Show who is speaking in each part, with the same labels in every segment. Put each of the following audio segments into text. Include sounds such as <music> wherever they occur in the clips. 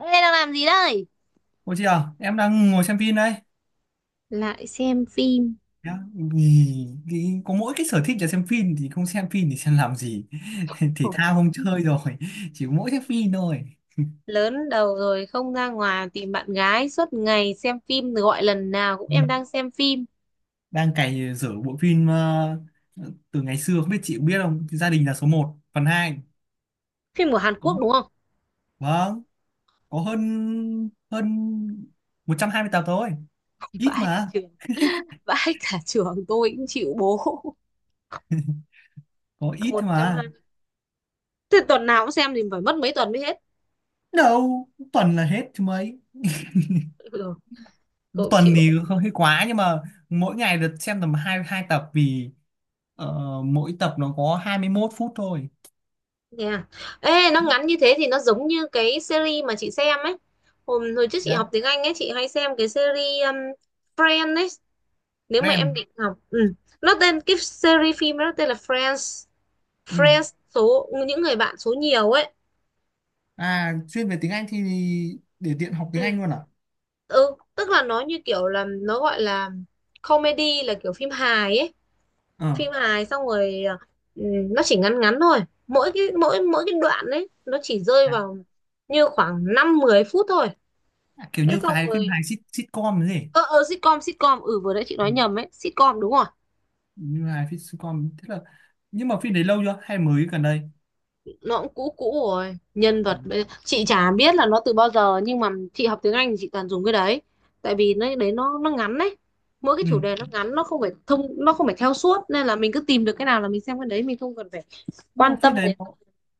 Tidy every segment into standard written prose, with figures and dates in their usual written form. Speaker 1: Ê, đang làm gì đây?
Speaker 2: Ủa chị à, em đang ngồi xem phim đây.
Speaker 1: Lại xem phim.
Speaker 2: Nhá, vì cái, có mỗi cái sở thích là xem phim thì không xem phim thì xem làm gì. <laughs> Thể
Speaker 1: Khổ,
Speaker 2: thao không chơi rồi, chỉ có mỗi xem phim thôi.
Speaker 1: lớn đầu rồi không ra ngoài tìm bạn gái suốt ngày xem phim rồi gọi lần nào cũng
Speaker 2: Ôi,
Speaker 1: em đang xem phim.
Speaker 2: đang cày dở bộ phim từ ngày xưa không biết chị có biết không? Gia đình là số một, phần hai.
Speaker 1: Phim của Hàn
Speaker 2: Có.
Speaker 1: Quốc đúng không?
Speaker 2: Vâng, có hơn hơn 120 tập thôi.
Speaker 1: <laughs>
Speaker 2: Ít
Speaker 1: Vãi cả
Speaker 2: mà,
Speaker 1: trường, vãi cả trường tôi cũng chịu bố.
Speaker 2: có
Speaker 1: <laughs>
Speaker 2: ít thôi mà.
Speaker 1: 120. Thế tuần nào cũng xem thì phải mất mấy tuần mới hết.
Speaker 2: Đâu, tuần là hết chứ mấy.
Speaker 1: Ừ, tôi cũng
Speaker 2: Tuần
Speaker 1: chịu.
Speaker 2: thì hơi quá nhưng mà mỗi ngày được xem tầm hai hai tập vì Ờ, mỗi tập nó có 21 phút thôi.
Speaker 1: Nè. Ê, nó ngắn như thế thì nó giống như cái series mà chị xem ấy. Hôm hồi trước chị
Speaker 2: Dạ.
Speaker 1: học tiếng Anh ấy, chị hay xem cái series Friends ấy, nếu mà em
Speaker 2: Ren.
Speaker 1: định học ừ. Nó tên cái series phim nó tên là Friends.
Speaker 2: Ừ.
Speaker 1: Friends số những người bạn số nhiều ấy.
Speaker 2: À, chuyên về tiếng Anh thì để tiện học tiếng
Speaker 1: Ừ.
Speaker 2: Anh luôn à?
Speaker 1: Ừ, tức là nó như kiểu là nó gọi là comedy, là kiểu phim hài ấy.
Speaker 2: Ờ.
Speaker 1: Phim hài xong rồi ừ, nó chỉ ngắn ngắn thôi, mỗi cái mỗi mỗi cái đoạn ấy nó chỉ rơi vào như khoảng 5 10 phút thôi.
Speaker 2: À, kiểu
Speaker 1: Thế
Speaker 2: như
Speaker 1: xong
Speaker 2: phải phim
Speaker 1: rồi
Speaker 2: hài sitcom thế.
Speaker 1: ờ sitcom, ừ vừa nãy chị
Speaker 2: Ừ.
Speaker 1: nói nhầm ấy, sitcom đúng rồi.
Speaker 2: Như hài phim sitcom thế là nhưng mà phim đấy lâu chưa hay mới gần đây?
Speaker 1: Nó cũng cũ cũ rồi, nhân
Speaker 2: Ừ.
Speaker 1: vật chị chả biết là nó từ bao giờ, nhưng mà chị học tiếng Anh thì chị toàn dùng cái đấy. Tại vì nó đấy, nó ngắn đấy, mỗi cái
Speaker 2: Ừ.
Speaker 1: chủ đề nó ngắn, nó không phải thông, nó không phải theo suốt nên là mình cứ tìm được cái nào là mình xem cái đấy, mình không cần phải
Speaker 2: Nhưng mà
Speaker 1: quan tâm
Speaker 2: phim đấy
Speaker 1: đến
Speaker 2: nó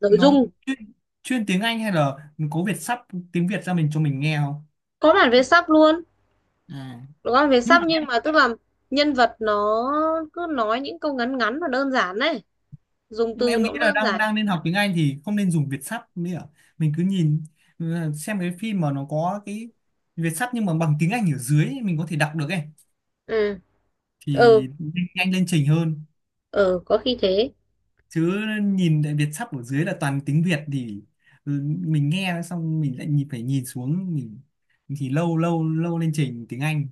Speaker 1: nội
Speaker 2: nó
Speaker 1: dung.
Speaker 2: chuyên, chuyên tiếng Anh hay là có Việt sắp tiếng Việt ra mình cho mình nghe không?
Speaker 1: Có bản vẽ sắp luôn.
Speaker 2: À.
Speaker 1: Có bản vẽ
Speaker 2: Nhưng mà
Speaker 1: sắp, nhưng mà tức là nhân vật nó cứ nói những câu ngắn ngắn và đơn giản đấy, dùng
Speaker 2: nhưng mà
Speaker 1: từ
Speaker 2: em
Speaker 1: nó
Speaker 2: nghĩ
Speaker 1: cũng
Speaker 2: là
Speaker 1: đơn
Speaker 2: đang
Speaker 1: giản.
Speaker 2: đang nên học tiếng Anh thì không nên dùng Việt sắp nữa, mình cứ nhìn, ừ, xem cái phim mà nó có cái Việt sắp nhưng mà bằng tiếng Anh ở dưới ấy, mình có thể đọc được ấy
Speaker 1: Ừ ừ,
Speaker 2: thì nhanh nhanh lên trình hơn,
Speaker 1: ừ, có khi thế.
Speaker 2: chứ nhìn lại Việt sắp ở dưới là toàn tiếng Việt thì, ừ, mình nghe xong mình lại nhìn phải nhìn xuống mình thì lâu lâu lâu lên trình tiếng Anh.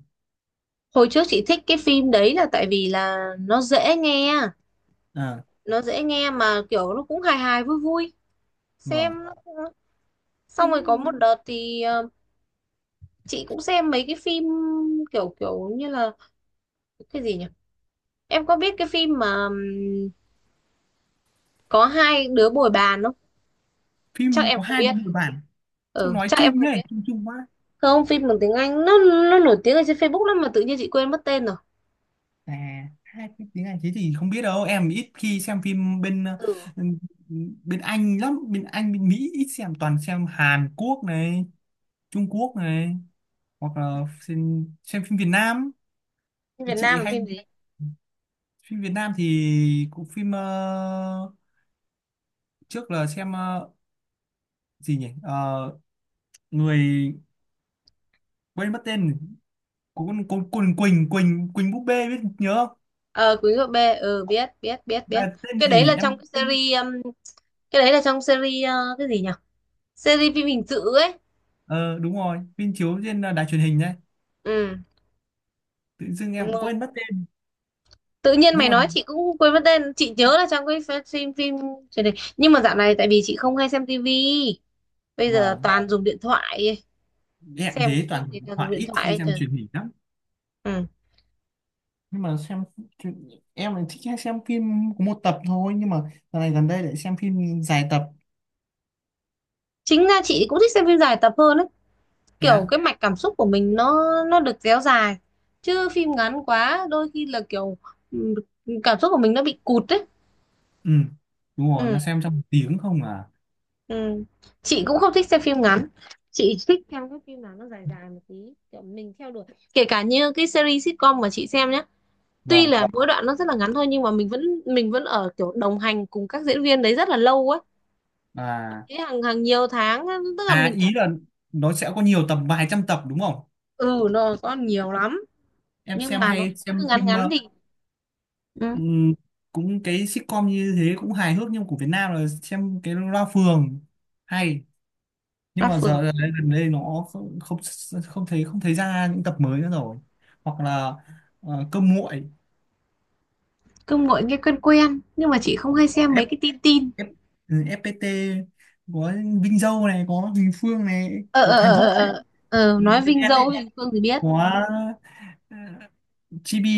Speaker 1: Hồi trước chị thích cái phim đấy là tại vì là nó dễ nghe,
Speaker 2: À,
Speaker 1: nó dễ nghe mà kiểu nó cũng hài hài vui vui. Xem
Speaker 2: vâng. Thế
Speaker 1: xong rồi có một đợt thì chị cũng xem mấy cái phim kiểu kiểu như là cái gì nhỉ, em có biết cái phim mà có hai đứa bồi bàn không?
Speaker 2: phim
Speaker 1: Chắc em
Speaker 2: có
Speaker 1: không
Speaker 2: hai đứa
Speaker 1: biết,
Speaker 2: người bản sao
Speaker 1: ừ
Speaker 2: nói
Speaker 1: chắc em
Speaker 2: chung
Speaker 1: không
Speaker 2: đấy
Speaker 1: biết.
Speaker 2: chung chung quá.
Speaker 1: Không, phim bằng tiếng Anh, nó nổi tiếng ở trên Facebook lắm mà tự nhiên chị quên mất tên rồi.
Speaker 2: À, hai cái tiếng Anh thế thì không biết đâu, em ít khi xem phim bên
Speaker 1: Ừ,
Speaker 2: bên Anh lắm, bên Anh bên Mỹ ít xem, toàn xem Hàn Quốc này, Trung Quốc này, hoặc là xem phim Việt Nam.
Speaker 1: phim Việt
Speaker 2: Chị
Speaker 1: Nam là
Speaker 2: hay
Speaker 1: phim gì?
Speaker 2: phim Việt Nam thì cũng phim trước là xem gì nhỉ. Ờ, người quên mất tên của con Quỳnh Quỳnh Quỳnh búp bê biết nhớ không,
Speaker 1: Ờ, Quý Ngựa B, ừ biết biết biết biết.
Speaker 2: là tên là
Speaker 1: Cái
Speaker 2: gì
Speaker 1: đấy là
Speaker 2: nhỉ
Speaker 1: trong
Speaker 2: em
Speaker 1: cái
Speaker 2: quên.
Speaker 1: series cái đấy là trong series cái gì nhỉ, series phim hình sự ấy.
Speaker 2: Ờ Đúng rồi, phim chiếu trên đài truyền hình đấy,
Speaker 1: Ừ.
Speaker 2: tự dưng em
Speaker 1: Đúng
Speaker 2: cũng
Speaker 1: rồi.
Speaker 2: quên mất tên
Speaker 1: Tự nhiên
Speaker 2: nhưng
Speaker 1: mày
Speaker 2: mà
Speaker 1: nói chị cũng quên mất tên, chị nhớ là trong cái phim, truyền hình. Nhưng mà dạo này tại vì chị không hay xem tivi, bây giờ
Speaker 2: vâng.
Speaker 1: toàn dùng điện thoại.
Speaker 2: Em
Speaker 1: Xem
Speaker 2: thế
Speaker 1: cái phim
Speaker 2: toàn
Speaker 1: gì toàn dùng
Speaker 2: thoại
Speaker 1: điện
Speaker 2: ít
Speaker 1: thoại
Speaker 2: khi
Speaker 1: ấy.
Speaker 2: xem
Speaker 1: Trời.
Speaker 2: truyền hình lắm,
Speaker 1: Ừ.
Speaker 2: nhưng mà xem truyền- em lại thích hay xem phim có một tập thôi nhưng mà dạo này gần đây lại xem phim dài tập.
Speaker 1: Chính ra chị cũng thích xem phim dài tập hơn ấy,
Speaker 2: Thế
Speaker 1: kiểu
Speaker 2: á?
Speaker 1: cái mạch cảm xúc của mình nó được kéo dài, chứ phim ngắn quá đôi khi là kiểu ừ, cảm xúc của mình nó bị cụt ấy.
Speaker 2: Ừ, đúng rồi nó
Speaker 1: Ừ.
Speaker 2: xem trong một tiếng không à.
Speaker 1: Ừ. Chị cũng không thích xem phim ngắn, chị thích xem các phim nào nó dài dài một tí, kiểu mình theo đuổi. Kể cả như cái series sitcom mà chị xem nhé, tuy
Speaker 2: Vâng.
Speaker 1: là mỗi đoạn nó rất là ngắn thôi nhưng mà mình vẫn ở kiểu đồng hành cùng các diễn viên đấy rất là lâu ấy,
Speaker 2: À,
Speaker 1: thế hàng hàng nhiều tháng á, tức là mình
Speaker 2: ý
Speaker 1: cảm.
Speaker 2: là nó sẽ có nhiều tập vài trăm tập đúng không,
Speaker 1: Ừ, nó có nhiều lắm,
Speaker 2: em
Speaker 1: nhưng
Speaker 2: xem
Speaker 1: mà nó,
Speaker 2: hay
Speaker 1: nó
Speaker 2: xem
Speaker 1: cứ ngắn
Speaker 2: phim
Speaker 1: ngắn thì ừ,
Speaker 2: ừm, cũng cái sitcom như thế cũng hài hước nhưng của Việt Nam là xem cái Loa Phường hay, nhưng
Speaker 1: là
Speaker 2: mà
Speaker 1: phượng.
Speaker 2: giờ đấy, gần đây nó không không không thấy ra những tập mới nữa rồi, hoặc là cơm nguội.
Speaker 1: Cứ ngồi nghe quen quen nhưng mà chị không hay
Speaker 2: Có
Speaker 1: xem
Speaker 2: F,
Speaker 1: mấy cái tin tin.
Speaker 2: F, FPT, có Vinh Dâu này, có Huỳnh Phương này,
Speaker 1: ờ
Speaker 2: có
Speaker 1: ờ
Speaker 2: Thái
Speaker 1: ờ
Speaker 2: Vũ
Speaker 1: ờ
Speaker 2: này,
Speaker 1: ờ. Ờ, nói
Speaker 2: Vinh
Speaker 1: Vinh
Speaker 2: Đen này,
Speaker 1: Dâu thì Phương thì biết.
Speaker 2: có ờ, Chibi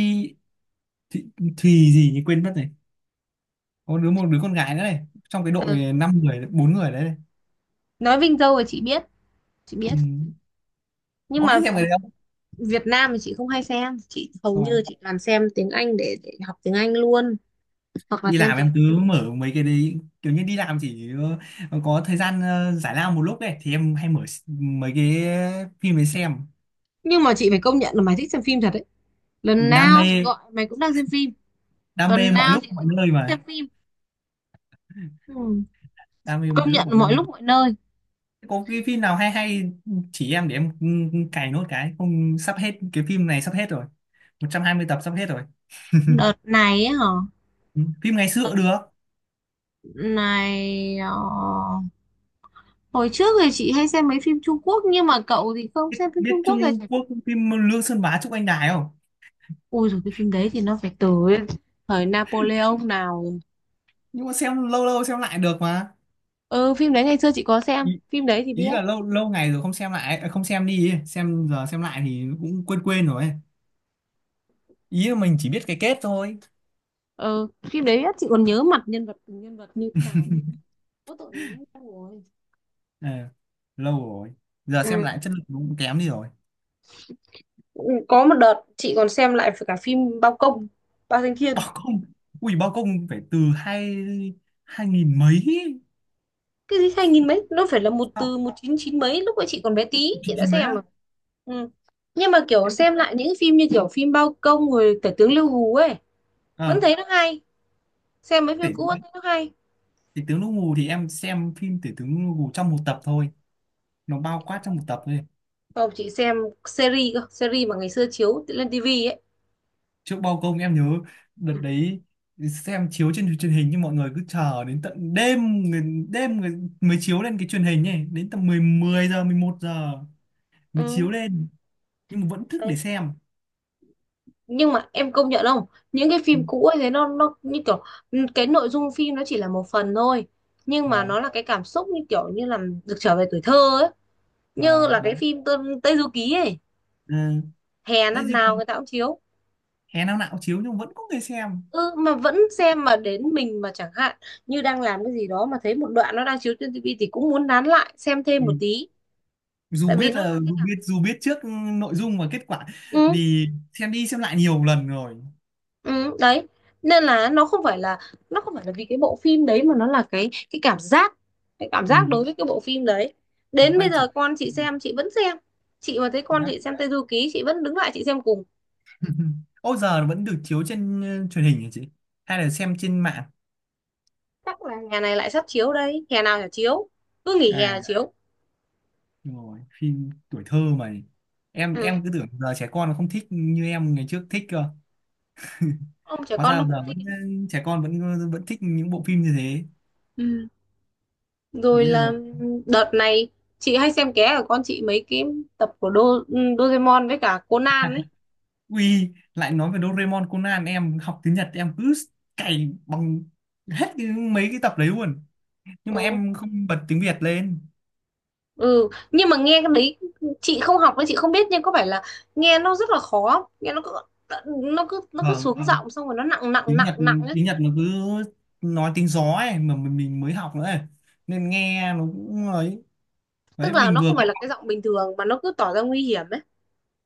Speaker 2: Thùy, Thùy gì nhỉ quên mất này, có một đứa con gái nữa này trong cái
Speaker 1: Ờ,
Speaker 2: đội 5 người 4 người đấy này.
Speaker 1: nói Vinh Dâu thì chị biết, chị biết.
Speaker 2: Ừ.
Speaker 1: Nhưng
Speaker 2: Có
Speaker 1: mà
Speaker 2: hay xem cái đấy
Speaker 1: Việt Nam thì chị không hay xem, chị hầu như
Speaker 2: không?
Speaker 1: chị toàn xem tiếng Anh để học tiếng Anh luôn, hoặc là
Speaker 2: Đi
Speaker 1: xem
Speaker 2: làm
Speaker 1: tiếng.
Speaker 2: em cứ mở mấy cái đấy, kiểu như đi làm chỉ có thời gian giải lao một lúc đấy thì em hay mở mấy cái phim ấy xem.
Speaker 1: Nhưng mà chị phải công nhận là mày thích xem phim thật đấy, lần
Speaker 2: đam
Speaker 1: nào
Speaker 2: mê
Speaker 1: chị gọi mày cũng đang xem phim,
Speaker 2: Đam
Speaker 1: tuần
Speaker 2: mê mọi
Speaker 1: nào chị
Speaker 2: lúc mọi
Speaker 1: cũng
Speaker 2: nơi
Speaker 1: xem
Speaker 2: mà.
Speaker 1: phim. Ừ.
Speaker 2: Đam mê
Speaker 1: Công
Speaker 2: mọi lúc
Speaker 1: nhận
Speaker 2: mọi nơi.
Speaker 1: mọi lúc mọi nơi.
Speaker 2: Thế có cái phim nào hay hay chỉ em để em, cày nốt cái không sắp hết, cái phim này sắp hết rồi, 120 tập sắp hết rồi.
Speaker 1: Đợt này ấy hả?
Speaker 2: Ừ, phim ngày xưa cũng được,
Speaker 1: Này hồi trước thì chị hay xem mấy phim Trung Quốc nhưng mà cậu thì không xem phim Trung
Speaker 2: biết
Speaker 1: Quốc rồi.
Speaker 2: Trung Quốc phim Lương Sơn Bá Trúc Anh Đài không,
Speaker 1: Ui rồi, cái phim đấy thì nó phải từ thời Napoleon nào rồi.
Speaker 2: nhưng mà xem lâu lâu xem lại được mà.
Speaker 1: Ừ, phim đấy ngày xưa chị có xem phim đấy thì
Speaker 2: Ý
Speaker 1: biết.
Speaker 2: là lâu lâu ngày rồi không xem lại à, không xem đi ấy. Xem giờ xem lại thì cũng quên quên rồi ấy. Ý là mình chỉ biết cái kết thôi.
Speaker 1: Ờ, phim đấy á, chị còn nhớ mặt nhân vật, từng nhân vật như thế nào. Có tội, nó lâu rồi.
Speaker 2: Ờ, lâu rồi, giờ
Speaker 1: Ừ.
Speaker 2: xem lại chất lượng cũng kém đi rồi.
Speaker 1: Có một đợt chị còn xem lại cả phim Bao Công, Bao Danh Thiên.
Speaker 2: Bao Công. Ui Bao Công phải từ hai 2000 mấy ấy.
Speaker 1: Cái gì hai nghìn mấy, nó phải là một
Speaker 2: Xong,
Speaker 1: từ một chín chín mấy, lúc ấy chị còn bé tí,
Speaker 2: chín
Speaker 1: chị đã
Speaker 2: chín mấy
Speaker 1: xem
Speaker 2: á.
Speaker 1: mà. Ừ. Nhưng mà kiểu
Speaker 2: Em
Speaker 1: xem lại những phim như kiểu phim Bao Công rồi Tể tướng Lưu Hú ấy, vẫn
Speaker 2: ờ
Speaker 1: thấy nó hay. Xem mấy
Speaker 2: tể,
Speaker 1: phim cũ vẫn thấy nó hay.
Speaker 2: tể tướng Đỗ Ngù thì em xem phim tể tướng Đỗ Ngù trong một tập thôi, nó bao quát trong một tập thôi.
Speaker 1: Không, chị xem series cơ, series mà ngày xưa chiếu lên tivi ấy.
Speaker 2: Trước Bao Công em nhớ đợt
Speaker 1: Ừ.
Speaker 2: đấy xem chiếu trên truyền hình, nhưng mọi người cứ chờ đến tận đêm, người mới chiếu lên cái truyền hình ấy, đến tầm 10 10 giờ 11 giờ mới chiếu
Speaker 1: Ừ.
Speaker 2: lên, nhưng mà vẫn thức để
Speaker 1: Đấy.
Speaker 2: xem.
Speaker 1: Nhưng mà em công nhận không, những cái
Speaker 2: Ừ.
Speaker 1: phim cũ ấy thế nó như kiểu ừ, cái nội dung phim nó chỉ là một phần thôi, nhưng mà
Speaker 2: Vâng,
Speaker 1: nó là cái cảm xúc như kiểu như là được trở về tuổi thơ ấy, như
Speaker 2: vâng
Speaker 1: là
Speaker 2: đấy,
Speaker 1: cái phim Tây Du Ký ấy.
Speaker 2: ừ.
Speaker 1: Hè
Speaker 2: Thế
Speaker 1: năm
Speaker 2: chứ,
Speaker 1: nào người ta cũng chiếu.
Speaker 2: hè năm nào cũng chiếu nhưng vẫn có người xem.
Speaker 1: Ừ mà vẫn xem, mà đến mình mà chẳng hạn như đang làm cái gì đó mà thấy một đoạn nó đang chiếu trên tivi thì cũng muốn nán lại xem thêm
Speaker 2: Ừ.
Speaker 1: một tí, tại vì nó là cái
Speaker 2: Dù
Speaker 1: cảm.
Speaker 2: biết dù biết trước nội dung và kết quả
Speaker 1: Ừ.
Speaker 2: vì xem đi xem lại nhiều lần rồi.
Speaker 1: Ừ, đấy, nên là nó không phải là nó không phải là vì cái bộ phim đấy, mà nó là cái cảm giác, cái cảm giác
Speaker 2: Ừ.
Speaker 1: đối với cái bộ phim đấy.
Speaker 2: Mới
Speaker 1: Đến bây
Speaker 2: quay trở.
Speaker 1: giờ con chị
Speaker 2: Ừ.
Speaker 1: xem chị vẫn xem. Chị mà thấy con
Speaker 2: Đấy.
Speaker 1: chị xem Tây Du Ký chị vẫn đứng lại chị xem cùng.
Speaker 2: Ừ. Ô giờ nó vẫn được chiếu trên truyền hình hả chị? Hay là xem trên mạng?
Speaker 1: Chắc là hè này lại sắp chiếu đây, hè nào chả chiếu, cứ nghỉ hè là
Speaker 2: À,
Speaker 1: chiếu.
Speaker 2: đúng rồi, phim tuổi thơ mà. Em
Speaker 1: Ừ.
Speaker 2: em cứ tưởng giờ trẻ con nó không thích như em ngày trước thích cơ.
Speaker 1: Ông trẻ
Speaker 2: Hóa
Speaker 1: con
Speaker 2: ra
Speaker 1: nó cũng
Speaker 2: giờ
Speaker 1: thích.
Speaker 2: vẫn trẻ con vẫn vẫn thích những bộ phim như thế.
Speaker 1: Ừ. Rồi
Speaker 2: Ý là
Speaker 1: là
Speaker 2: rồi.
Speaker 1: đợt này chị hay xem ké của con chị mấy cái tập của Doraemon với cả Conan ấy.
Speaker 2: Ui, lại nói về Doraemon Conan em học tiếng Nhật em cứ cày bằng hết cái, mấy cái tập đấy luôn. Nhưng mà
Speaker 1: Ừ.
Speaker 2: em không bật tiếng Việt lên.
Speaker 1: Ừ nhưng mà nghe cái đấy, chị không học nên chị không biết, nhưng có phải là nghe nó rất là khó không? Nghe nó cứ nó cứ nó cứ
Speaker 2: Vâng,
Speaker 1: xuống giọng xong rồi nó nặng nặng
Speaker 2: tiếng
Speaker 1: nặng
Speaker 2: Nhật
Speaker 1: nặng ấy.
Speaker 2: tiếng Nhật nó cứ nói tiếng gió ấy mà mình mới học nữa ấy, nên nghe nó cũng ấy.
Speaker 1: Tức
Speaker 2: Đấy
Speaker 1: là nó không phải là cái giọng bình thường mà nó cứ tỏ ra nguy hiểm ấy.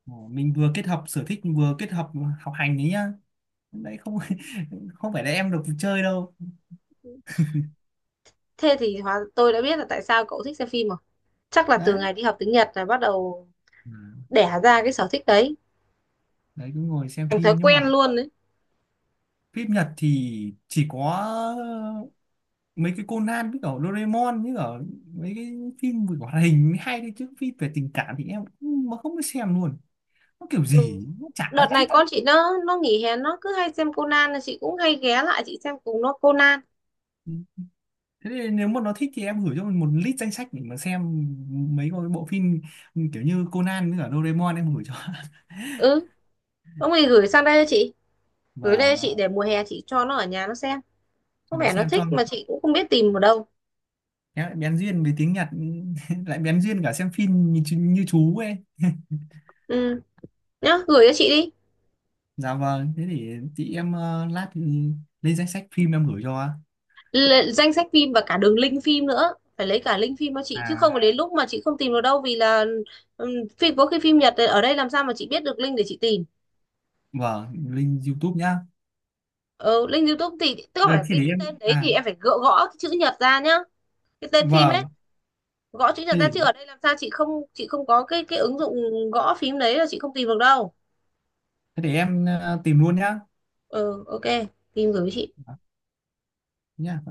Speaker 2: mình vừa kết hợp sở thích vừa kết hợp học hành đấy nhá. Đấy không. <laughs> Không phải là em được chơi đâu.
Speaker 1: Thế thì hóa tôi đã biết là tại sao cậu thích xem phim rồi, chắc là từ
Speaker 2: Đấy.
Speaker 1: ngày đi học tiếng Nhật là bắt đầu
Speaker 2: Ừ.
Speaker 1: đẻ ra cái sở thích đấy,
Speaker 2: Đấy cứ ngồi xem
Speaker 1: thành thói
Speaker 2: phim nhưng
Speaker 1: quen
Speaker 2: mà
Speaker 1: luôn đấy.
Speaker 2: phim Nhật thì chỉ có mấy cái Conan với cả Doraemon với cả mấy cái phim về hoạt hình mới hay đấy, chứ phim về tình cảm thì em mà không có xem luôn, nó kiểu
Speaker 1: Ừ.
Speaker 2: gì nó
Speaker 1: Đợt
Speaker 2: chả
Speaker 1: này
Speaker 2: thuyết.
Speaker 1: con chị nó nghỉ hè nó cứ hay xem Conan là chị cũng hay ghé lại chị xem cùng nó Conan.
Speaker 2: Thế thì nếu mà nó thích thì em gửi cho mình một list danh sách để mà xem mấy cái bộ phim kiểu như Conan với cả Doraemon em gửi cho. <laughs>
Speaker 1: Ừ, ông ấy gửi sang đây cho chị, gửi
Speaker 2: Và
Speaker 1: đây cho chị để mùa hè chị cho nó ở nhà nó xem, có
Speaker 2: cho nó
Speaker 1: vẻ nó
Speaker 2: xem cho
Speaker 1: thích mà chị cũng không biết tìm ở đâu.
Speaker 2: em bén duyên với tiếng Nhật. <laughs> Lại bén duyên cả xem phim như chú ấy.
Speaker 1: Ừ. Nhá, gửi cho chị đi.
Speaker 2: Dạ vâng thế thì chị em lát thì lên danh sách phim em gửi cho.
Speaker 1: L danh sách phim và cả đường link phim nữa, phải lấy cả link phim cho chị chứ
Speaker 2: À
Speaker 1: không là đến lúc mà chị không tìm được đâu, vì là ừm, phim có khi phim Nhật ở đây làm sao mà chị biết được link để chị tìm.
Speaker 2: vâng, link YouTube nhá.
Speaker 1: Ừ, link YouTube thì tức là
Speaker 2: Ờ,
Speaker 1: phải
Speaker 2: thế để
Speaker 1: cái
Speaker 2: em,
Speaker 1: tên đấy thì
Speaker 2: à
Speaker 1: em phải gõ cái chữ Nhật ra nhá, cái tên phim ấy.
Speaker 2: vâng,
Speaker 1: Gõ chữ
Speaker 2: thế
Speaker 1: Nhật ra
Speaker 2: để
Speaker 1: chứ ở đây làm sao chị không, chị không có cái ứng dụng gõ phím đấy là chị không tìm được đâu.
Speaker 2: thế để em tìm luôn nhá.
Speaker 1: Ừ, ok, tìm gửi cho chị.
Speaker 2: Dạ, nhá.